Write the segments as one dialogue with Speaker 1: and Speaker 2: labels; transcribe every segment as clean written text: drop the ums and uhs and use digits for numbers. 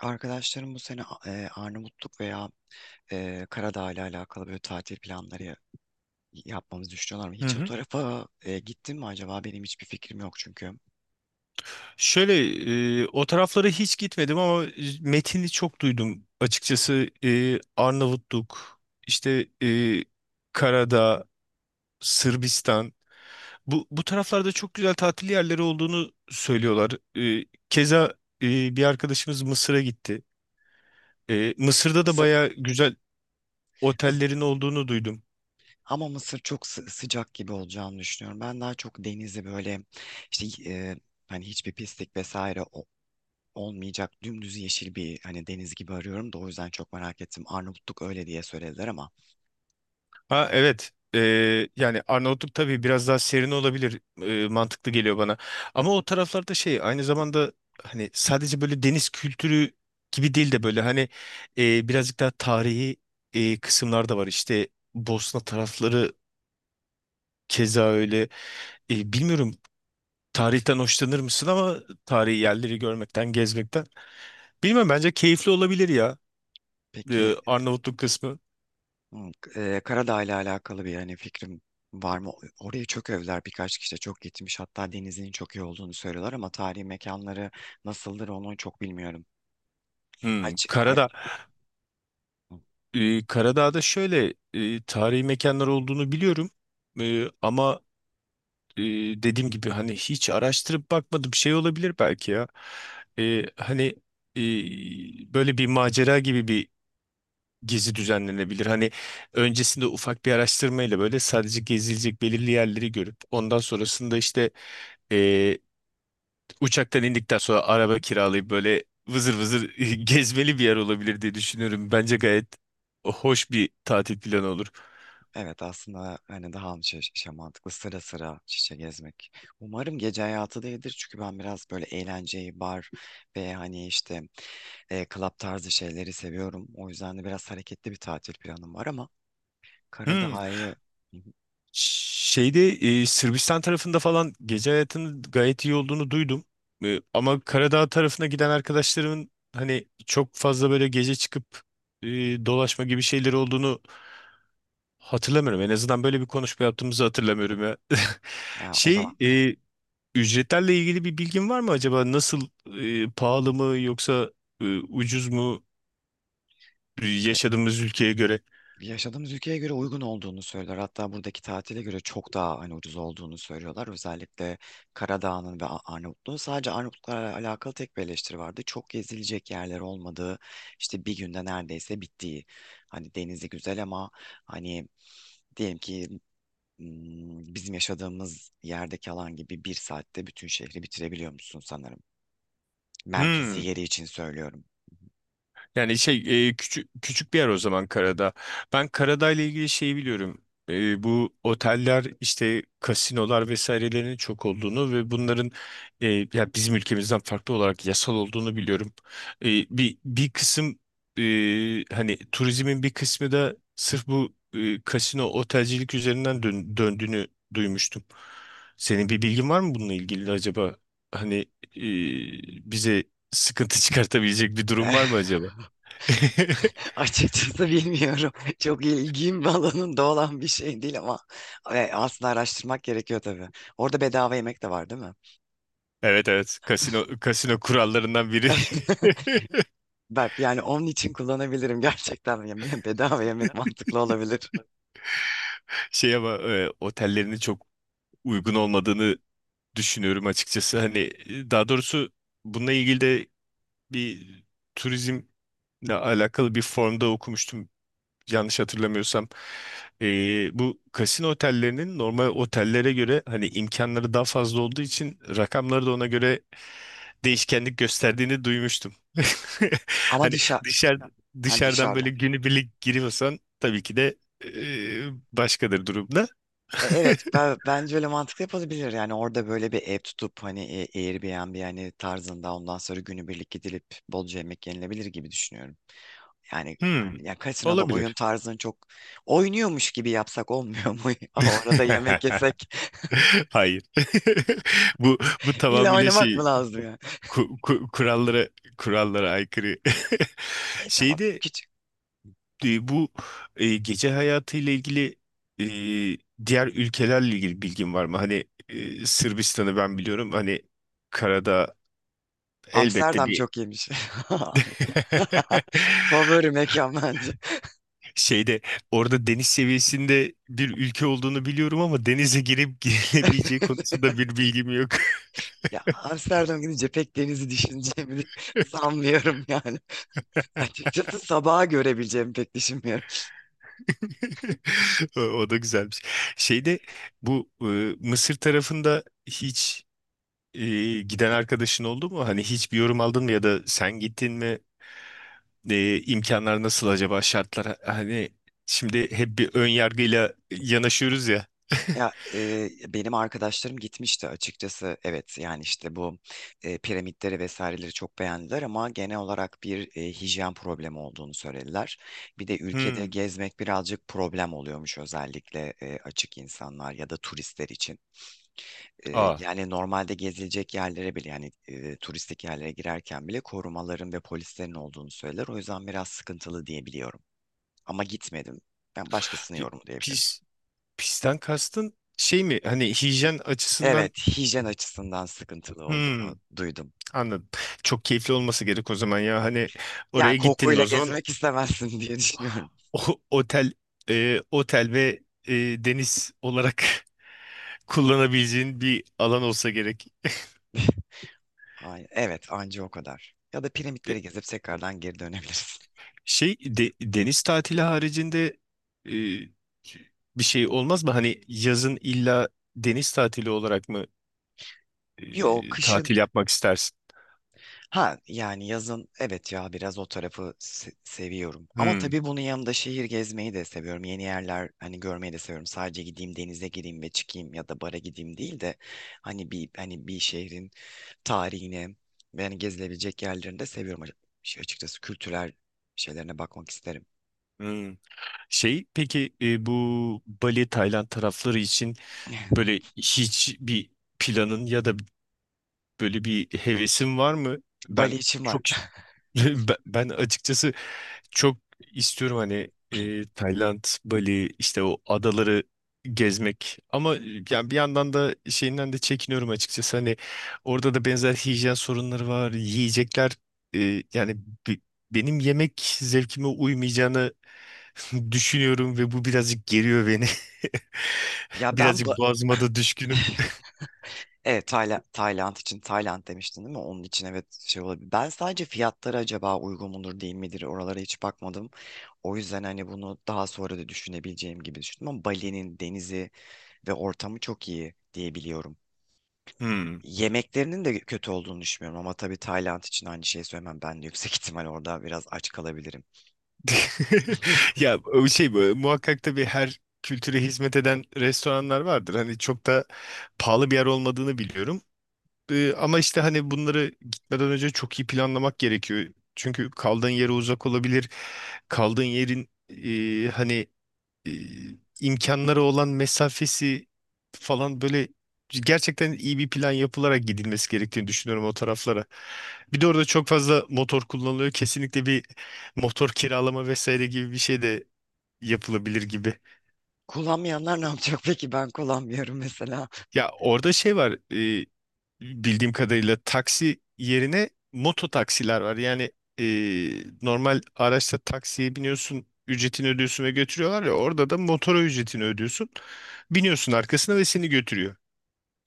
Speaker 1: Arkadaşlarım bu sene Arnavutluk veya Karadağ ile alakalı böyle tatil planları yapmamızı düşünüyorlar mı?
Speaker 2: Hı
Speaker 1: Hiç o
Speaker 2: hı.
Speaker 1: tarafa gittin mi acaba? Benim hiçbir fikrim yok çünkü.
Speaker 2: Şöyle o taraflara hiç gitmedim ama metini çok duydum. Açıkçası Arnavutluk, işte e, Karadağ, Sırbistan. Bu taraflarda çok güzel tatil yerleri olduğunu söylüyorlar. Keza bir arkadaşımız Mısır'a gitti. Mısır'da da
Speaker 1: Mısır,
Speaker 2: baya güzel
Speaker 1: Mıs-
Speaker 2: otellerin olduğunu duydum.
Speaker 1: ama Mısır çok sıcak gibi olacağını düşünüyorum. Ben daha çok denizi böyle işte hani hiçbir pislik vesaire olmayacak dümdüz yeşil bir hani deniz gibi arıyorum da o yüzden çok merak ettim. Arnavutluk öyle diye söylediler ama.
Speaker 2: Ha, evet. Yani Arnavutluk tabii biraz daha serin olabilir. Mantıklı geliyor bana. Ama o taraflarda şey aynı zamanda hani sadece böyle deniz kültürü gibi değil de böyle hani birazcık daha tarihi kısımlar da var. İşte Bosna tarafları keza öyle. Bilmiyorum, tarihten hoşlanır mısın ama tarihi yerleri görmekten, gezmekten. Bilmem, bence keyifli olabilir ya
Speaker 1: Peki.
Speaker 2: Arnavutluk kısmı.
Speaker 1: Hı, Karadağ ile alakalı bir yani fikrim var mı? Oraya çok övdüler, birkaç kişi de çok gitmiş. Hatta denizinin çok iyi olduğunu söylüyorlar ama tarihi mekanları nasıldır onu çok bilmiyorum.
Speaker 2: Hmm,
Speaker 1: Aç, aç.
Speaker 2: Karadağ. Karadağ'da şöyle tarihi mekanlar olduğunu biliyorum. E, ama e, dediğim gibi hani hiç araştırıp bakmadım, şey olabilir belki ya. E, hani e, böyle bir macera gibi bir gezi düzenlenebilir. Hani öncesinde ufak bir araştırmayla böyle sadece gezilecek belirli yerleri görüp ondan sonrasında e, uçaktan indikten sonra araba kiralayıp böyle vızır vızır gezmeli bir yer olabilir diye düşünüyorum. Bence gayet hoş bir tatil planı olur.
Speaker 1: Evet, aslında hani daha mı şey, şey mantıklı sıra sıra şişe gezmek. Umarım gece hayatı değildir çünkü ben biraz böyle eğlenceyi, bar ve hani işte club tarzı şeyleri seviyorum. O yüzden de biraz hareketli bir tatil planım var ama
Speaker 2: Hmm.
Speaker 1: Karadağ'ı. Hı hı.
Speaker 2: Şeyde Sırbistan tarafında falan gece hayatının gayet iyi olduğunu duydum. Ama Karadağ tarafına giden arkadaşlarımın hani çok fazla böyle gece çıkıp e, dolaşma gibi şeyleri olduğunu hatırlamıyorum. En azından böyle bir konuşma yaptığımızı hatırlamıyorum ya.
Speaker 1: Ya o zaman,
Speaker 2: Şey, e, Ücretlerle ilgili bir bilgin var mı acaba? Nasıl, pahalı mı yoksa ucuz mu yaşadığımız ülkeye göre?
Speaker 1: yaşadığımız ülkeye göre uygun olduğunu söylüyorlar. Hatta buradaki tatile göre çok daha hani ucuz olduğunu söylüyorlar. Özellikle Karadağ'ın ve Arnavutluğun. Sadece Arnavutluklarla alakalı tek bir eleştiri vardı. Çok gezilecek yerler olmadığı, işte bir günde neredeyse bittiği. Hani denizi güzel ama hani diyelim ki bizim yaşadığımız yerdeki alan gibi bir saatte bütün şehri bitirebiliyor musun sanırım. Merkezi
Speaker 2: Hmm.
Speaker 1: yeri için söylüyorum.
Speaker 2: Yani küçük küçük bir yer o zaman Karadağ. Ben Karadağ ile ilgili şeyi biliyorum. Bu oteller, işte kasinolar vesairelerinin çok olduğunu ve bunların e, ya bizim ülkemizden farklı olarak yasal olduğunu biliyorum. Bir kısım, e, hani turizmin bir kısmı da sırf bu kasino otelcilik üzerinden döndüğünü duymuştum. Senin bir bilgin var mı bununla ilgili acaba? Hani e, bize sıkıntı çıkartabilecek bir durum var
Speaker 1: Eh.
Speaker 2: mı?
Speaker 1: Açıkçası bilmiyorum. Çok ilgim alanında olan bir şey değil ama aslında araştırmak gerekiyor tabii. Orada bedava yemek de var değil mi?
Speaker 2: Evet, evet. Kasino, kasino kurallarından biri.
Speaker 1: Bak, yani onun için kullanabilirim gerçekten. Yani bedava yemek mantıklı olabilir.
Speaker 2: Şey ama otellerinin çok uygun olmadığını düşünüyorum açıkçası. Hani, daha doğrusu bununla ilgili de bir turizmle alakalı bir formda okumuştum, yanlış hatırlamıyorsam. Bu kasino otellerinin normal otellere göre hani imkanları daha fazla olduğu için rakamları da ona göre değişkenlik gösterdiğini duymuştum.
Speaker 1: Ama
Speaker 2: Hani
Speaker 1: dışa,
Speaker 2: dışarı
Speaker 1: ha,
Speaker 2: dışarıdan
Speaker 1: dışarıda.
Speaker 2: böyle günübirlik giriyorsan tabii ki de e, başkadır durumda.
Speaker 1: Evet, ben, bence öyle mantıklı yapılabilir. Yani orada böyle bir ev tutup hani Airbnb hani tarzında, ondan sonra günübirlik gidilip bolca yemek yenilebilir gibi düşünüyorum. Yani
Speaker 2: Hmm,
Speaker 1: ya kasinoda oyun
Speaker 2: olabilir.
Speaker 1: tarzını çok oynuyormuş gibi yapsak olmuyor mu? O arada yemek yesek
Speaker 2: Hayır. Bu
Speaker 1: illa
Speaker 2: tamamıyla
Speaker 1: oynamak mı
Speaker 2: şey
Speaker 1: lazım ya?
Speaker 2: ku- ku- kurallara kurallara aykırı.
Speaker 1: E tamam
Speaker 2: Şeyde
Speaker 1: küçük.
Speaker 2: Bu gece hayatıyla ilgili, e, diğer ülkelerle ilgili bilgin var mı? Hani Sırbistan'ı ben biliyorum. Hani karada elbette
Speaker 1: Amsterdam
Speaker 2: bir
Speaker 1: çok iyiymiş. Favori mekan bence.
Speaker 2: şeyde orada deniz seviyesinde bir ülke olduğunu biliyorum ama denize girip giremeyeceği konusunda bir bilgim yok.
Speaker 1: Ya Amsterdam gidince pek denizi düşüneceğimi sanmıyorum yani. Açıkçası sabaha görebileceğimi pek düşünmüyorum.
Speaker 2: O, o da güzelmiş. Şeyde bu, Mısır tarafında hiç e, giden arkadaşın oldu mu? Hani hiç bir yorum aldın mı ya da sen gittin mi? İmkanlar nasıl acaba, şartlar? Hani şimdi hep bir ön yargıyla yanaşıyoruz ya.
Speaker 1: Ya benim arkadaşlarım gitmişti açıkçası. Evet, yani işte bu piramitleri vesaireleri çok beğendiler ama genel olarak bir hijyen problemi olduğunu söylediler. Bir de ülkede
Speaker 2: Hmm.
Speaker 1: gezmek birazcık problem oluyormuş özellikle açık insanlar ya da turistler için.
Speaker 2: Aa.
Speaker 1: Yani normalde gezilecek yerlere bile, yani turistik yerlere girerken bile korumaların ve polislerin olduğunu söyler. O yüzden biraz sıkıntılı diyebiliyorum. Ama gitmedim. Ben başkasını
Speaker 2: c-
Speaker 1: yorumlayabilirim.
Speaker 2: Pis, pisten kastın şey mi? Hani hijyen açısından.
Speaker 1: Evet, hijyen açısından sıkıntılı olduğunu
Speaker 2: Hmm,
Speaker 1: duydum.
Speaker 2: anladım. Çok keyifli olması gerek o zaman ya. Hani
Speaker 1: Yani
Speaker 2: oraya gittin mi
Speaker 1: kokuyla
Speaker 2: o zaman?
Speaker 1: gezmek istemezsin diye düşünüyorum.
Speaker 2: Otel, otel ve e, deniz olarak kullanabileceğin bir alan olsa gerek.
Speaker 1: Ay, evet, anca o kadar. Ya da
Speaker 2: E,
Speaker 1: piramitleri gezip tekrardan geri dönebilirsin.
Speaker 2: Şey, deniz tatili haricinde e, bir şey olmaz mı? Hani yazın illa deniz tatili olarak mı
Speaker 1: Yok, kışın.
Speaker 2: tatil yapmak istersin?
Speaker 1: Ha yani yazın, evet, ya biraz o tarafı seviyorum. Ama
Speaker 2: Hmm,
Speaker 1: tabii bunun yanında şehir gezmeyi de seviyorum. Yeni yerler hani görmeyi de seviyorum. Sadece gideyim, denize gireyim ve çıkayım ya da bara gideyim değil de hani hani bir şehrin tarihine ve yani gezilebilecek yerlerini de seviyorum. Şey, açıkçası kültürel şeylerine bakmak isterim.
Speaker 2: hmm. Şey peki, bu Bali, Tayland tarafları için böyle hiç bir planın ya da böyle bir hevesin var mı?
Speaker 1: Bali
Speaker 2: Ben
Speaker 1: için var.
Speaker 2: çok ben açıkçası çok istiyorum hani, Tayland, Bali, işte o adaları gezmek, ama yani bir yandan da şeyinden de çekiniyorum açıkçası. Hani orada da benzer hijyen sorunları var. Yiyecekler, e, yani bi- benim yemek zevkime uymayacağını düşünüyorum ve bu birazcık geriyor beni.
Speaker 1: Ya ben
Speaker 2: Birazcık boğazıma da düşkünüm.
Speaker 1: evet, Tayland için, Tayland demiştin değil mi? Onun için evet, şey olabilir. Ben sadece fiyatları acaba uygun mudur değil midir, oralara hiç bakmadım. O yüzden hani bunu daha sonra da düşünebileceğim gibi düşündüm, ama Bali'nin denizi ve ortamı çok iyi diyebiliyorum.
Speaker 2: Hmm.
Speaker 1: Yemeklerinin de kötü olduğunu düşünmüyorum ama tabii Tayland için aynı şeyi söylemem. Ben de yüksek ihtimal orada biraz aç kalabilirim.
Speaker 2: Ya o şey bu, muhakkak tabii her kültüre hizmet eden restoranlar vardır. Hani çok da pahalı bir yer olmadığını biliyorum. Ama işte hani bunları gitmeden önce çok iyi planlamak gerekiyor. Çünkü kaldığın yere uzak olabilir. Kaldığın yerin, e, imkanları olan mesafesi falan, böyle gerçekten iyi bir plan yapılarak gidilmesi gerektiğini düşünüyorum o taraflara. Bir de orada çok fazla motor kullanılıyor. Kesinlikle bir motor kiralama vesaire gibi bir şey de yapılabilir gibi.
Speaker 1: Kullanmayanlar ne yapacak peki? Ben kullanmıyorum mesela.
Speaker 2: Ya orada şey var, e, bildiğim kadarıyla taksi yerine moto taksiler var. Yani e, normal araçta taksiye biniyorsun, ücretini ödüyorsun ve götürüyorlar ya, orada da motora ücretini ödüyorsun. Biniyorsun arkasına ve seni götürüyor.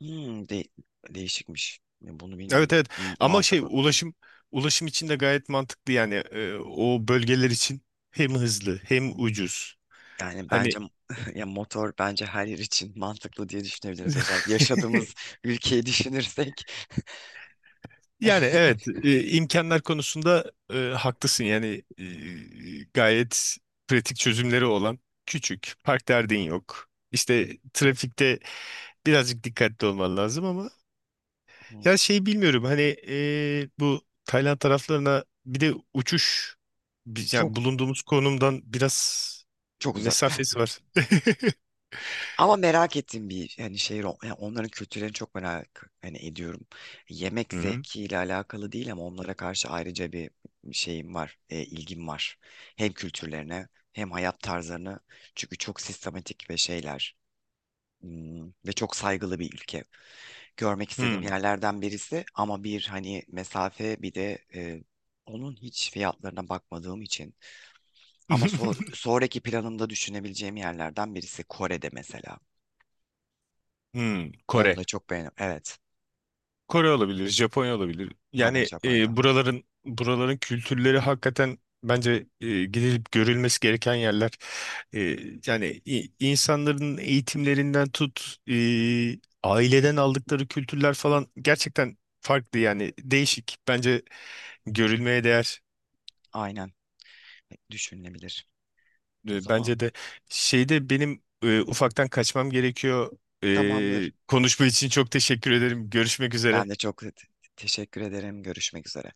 Speaker 1: Hmm, değişikmiş. Ya bunu
Speaker 2: Evet,
Speaker 1: bilmiyordum.
Speaker 2: evet, ama şey,
Speaker 1: Mantıklı.
Speaker 2: ulaşım için de gayet mantıklı, yani o bölgeler için hem hızlı hem ucuz.
Speaker 1: Yani
Speaker 2: Hani
Speaker 1: bence ya motor bence her yer için mantıklı diye düşünebiliriz. Özellikle yaşadığımız ülkeyi düşünürsek.
Speaker 2: yani evet, imkanlar konusunda, haklısın yani, gayet pratik çözümleri olan, küçük park derdin yok. İşte trafikte birazcık dikkatli olman lazım ama, ya şey bilmiyorum hani, bu Tayland taraflarına bir de uçuş
Speaker 1: Çok,
Speaker 2: yani bulunduğumuz konumdan biraz
Speaker 1: çok uzak.
Speaker 2: mesafesi var.
Speaker 1: Ama merak ettiğim bir hani şehir yani onların kültürlerini çok merak hani ediyorum. Yemek
Speaker 2: Hı hı.
Speaker 1: zevkiyle alakalı değil ama onlara karşı ayrıca bir şeyim var, ilgim var. Hem kültürlerine hem hayat tarzlarına. Çünkü çok sistematik ve şeyler, ve çok saygılı bir ülke. Görmek istediğim
Speaker 2: Hı.
Speaker 1: yerlerden birisi, ama bir hani mesafe, bir de onun hiç fiyatlarına bakmadığım için. Ama sonraki planımda düşünebileceğim yerlerden birisi Kore'de mesela.
Speaker 2: Hı.
Speaker 1: Onu
Speaker 2: Kore.
Speaker 1: da çok beğendim. Evet.
Speaker 2: Kore olabilir, Japonya olabilir.
Speaker 1: Aynen,
Speaker 2: Yani
Speaker 1: Japonya'da.
Speaker 2: buraların, buraların kültürleri hakikaten bence, gidilip görülmesi gereken yerler. E, Yani insanların eğitimlerinden tut, aileden aldıkları kültürler falan gerçekten farklı, yani değişik. Bence görülmeye değer.
Speaker 1: Aynen, düşünülebilir. O zaman
Speaker 2: Bence de şeyde benim ufaktan kaçmam gerekiyor.
Speaker 1: tamamdır.
Speaker 2: Konuşma için çok teşekkür ederim. Görüşmek üzere.
Speaker 1: Ben de çok teşekkür ederim. Görüşmek üzere.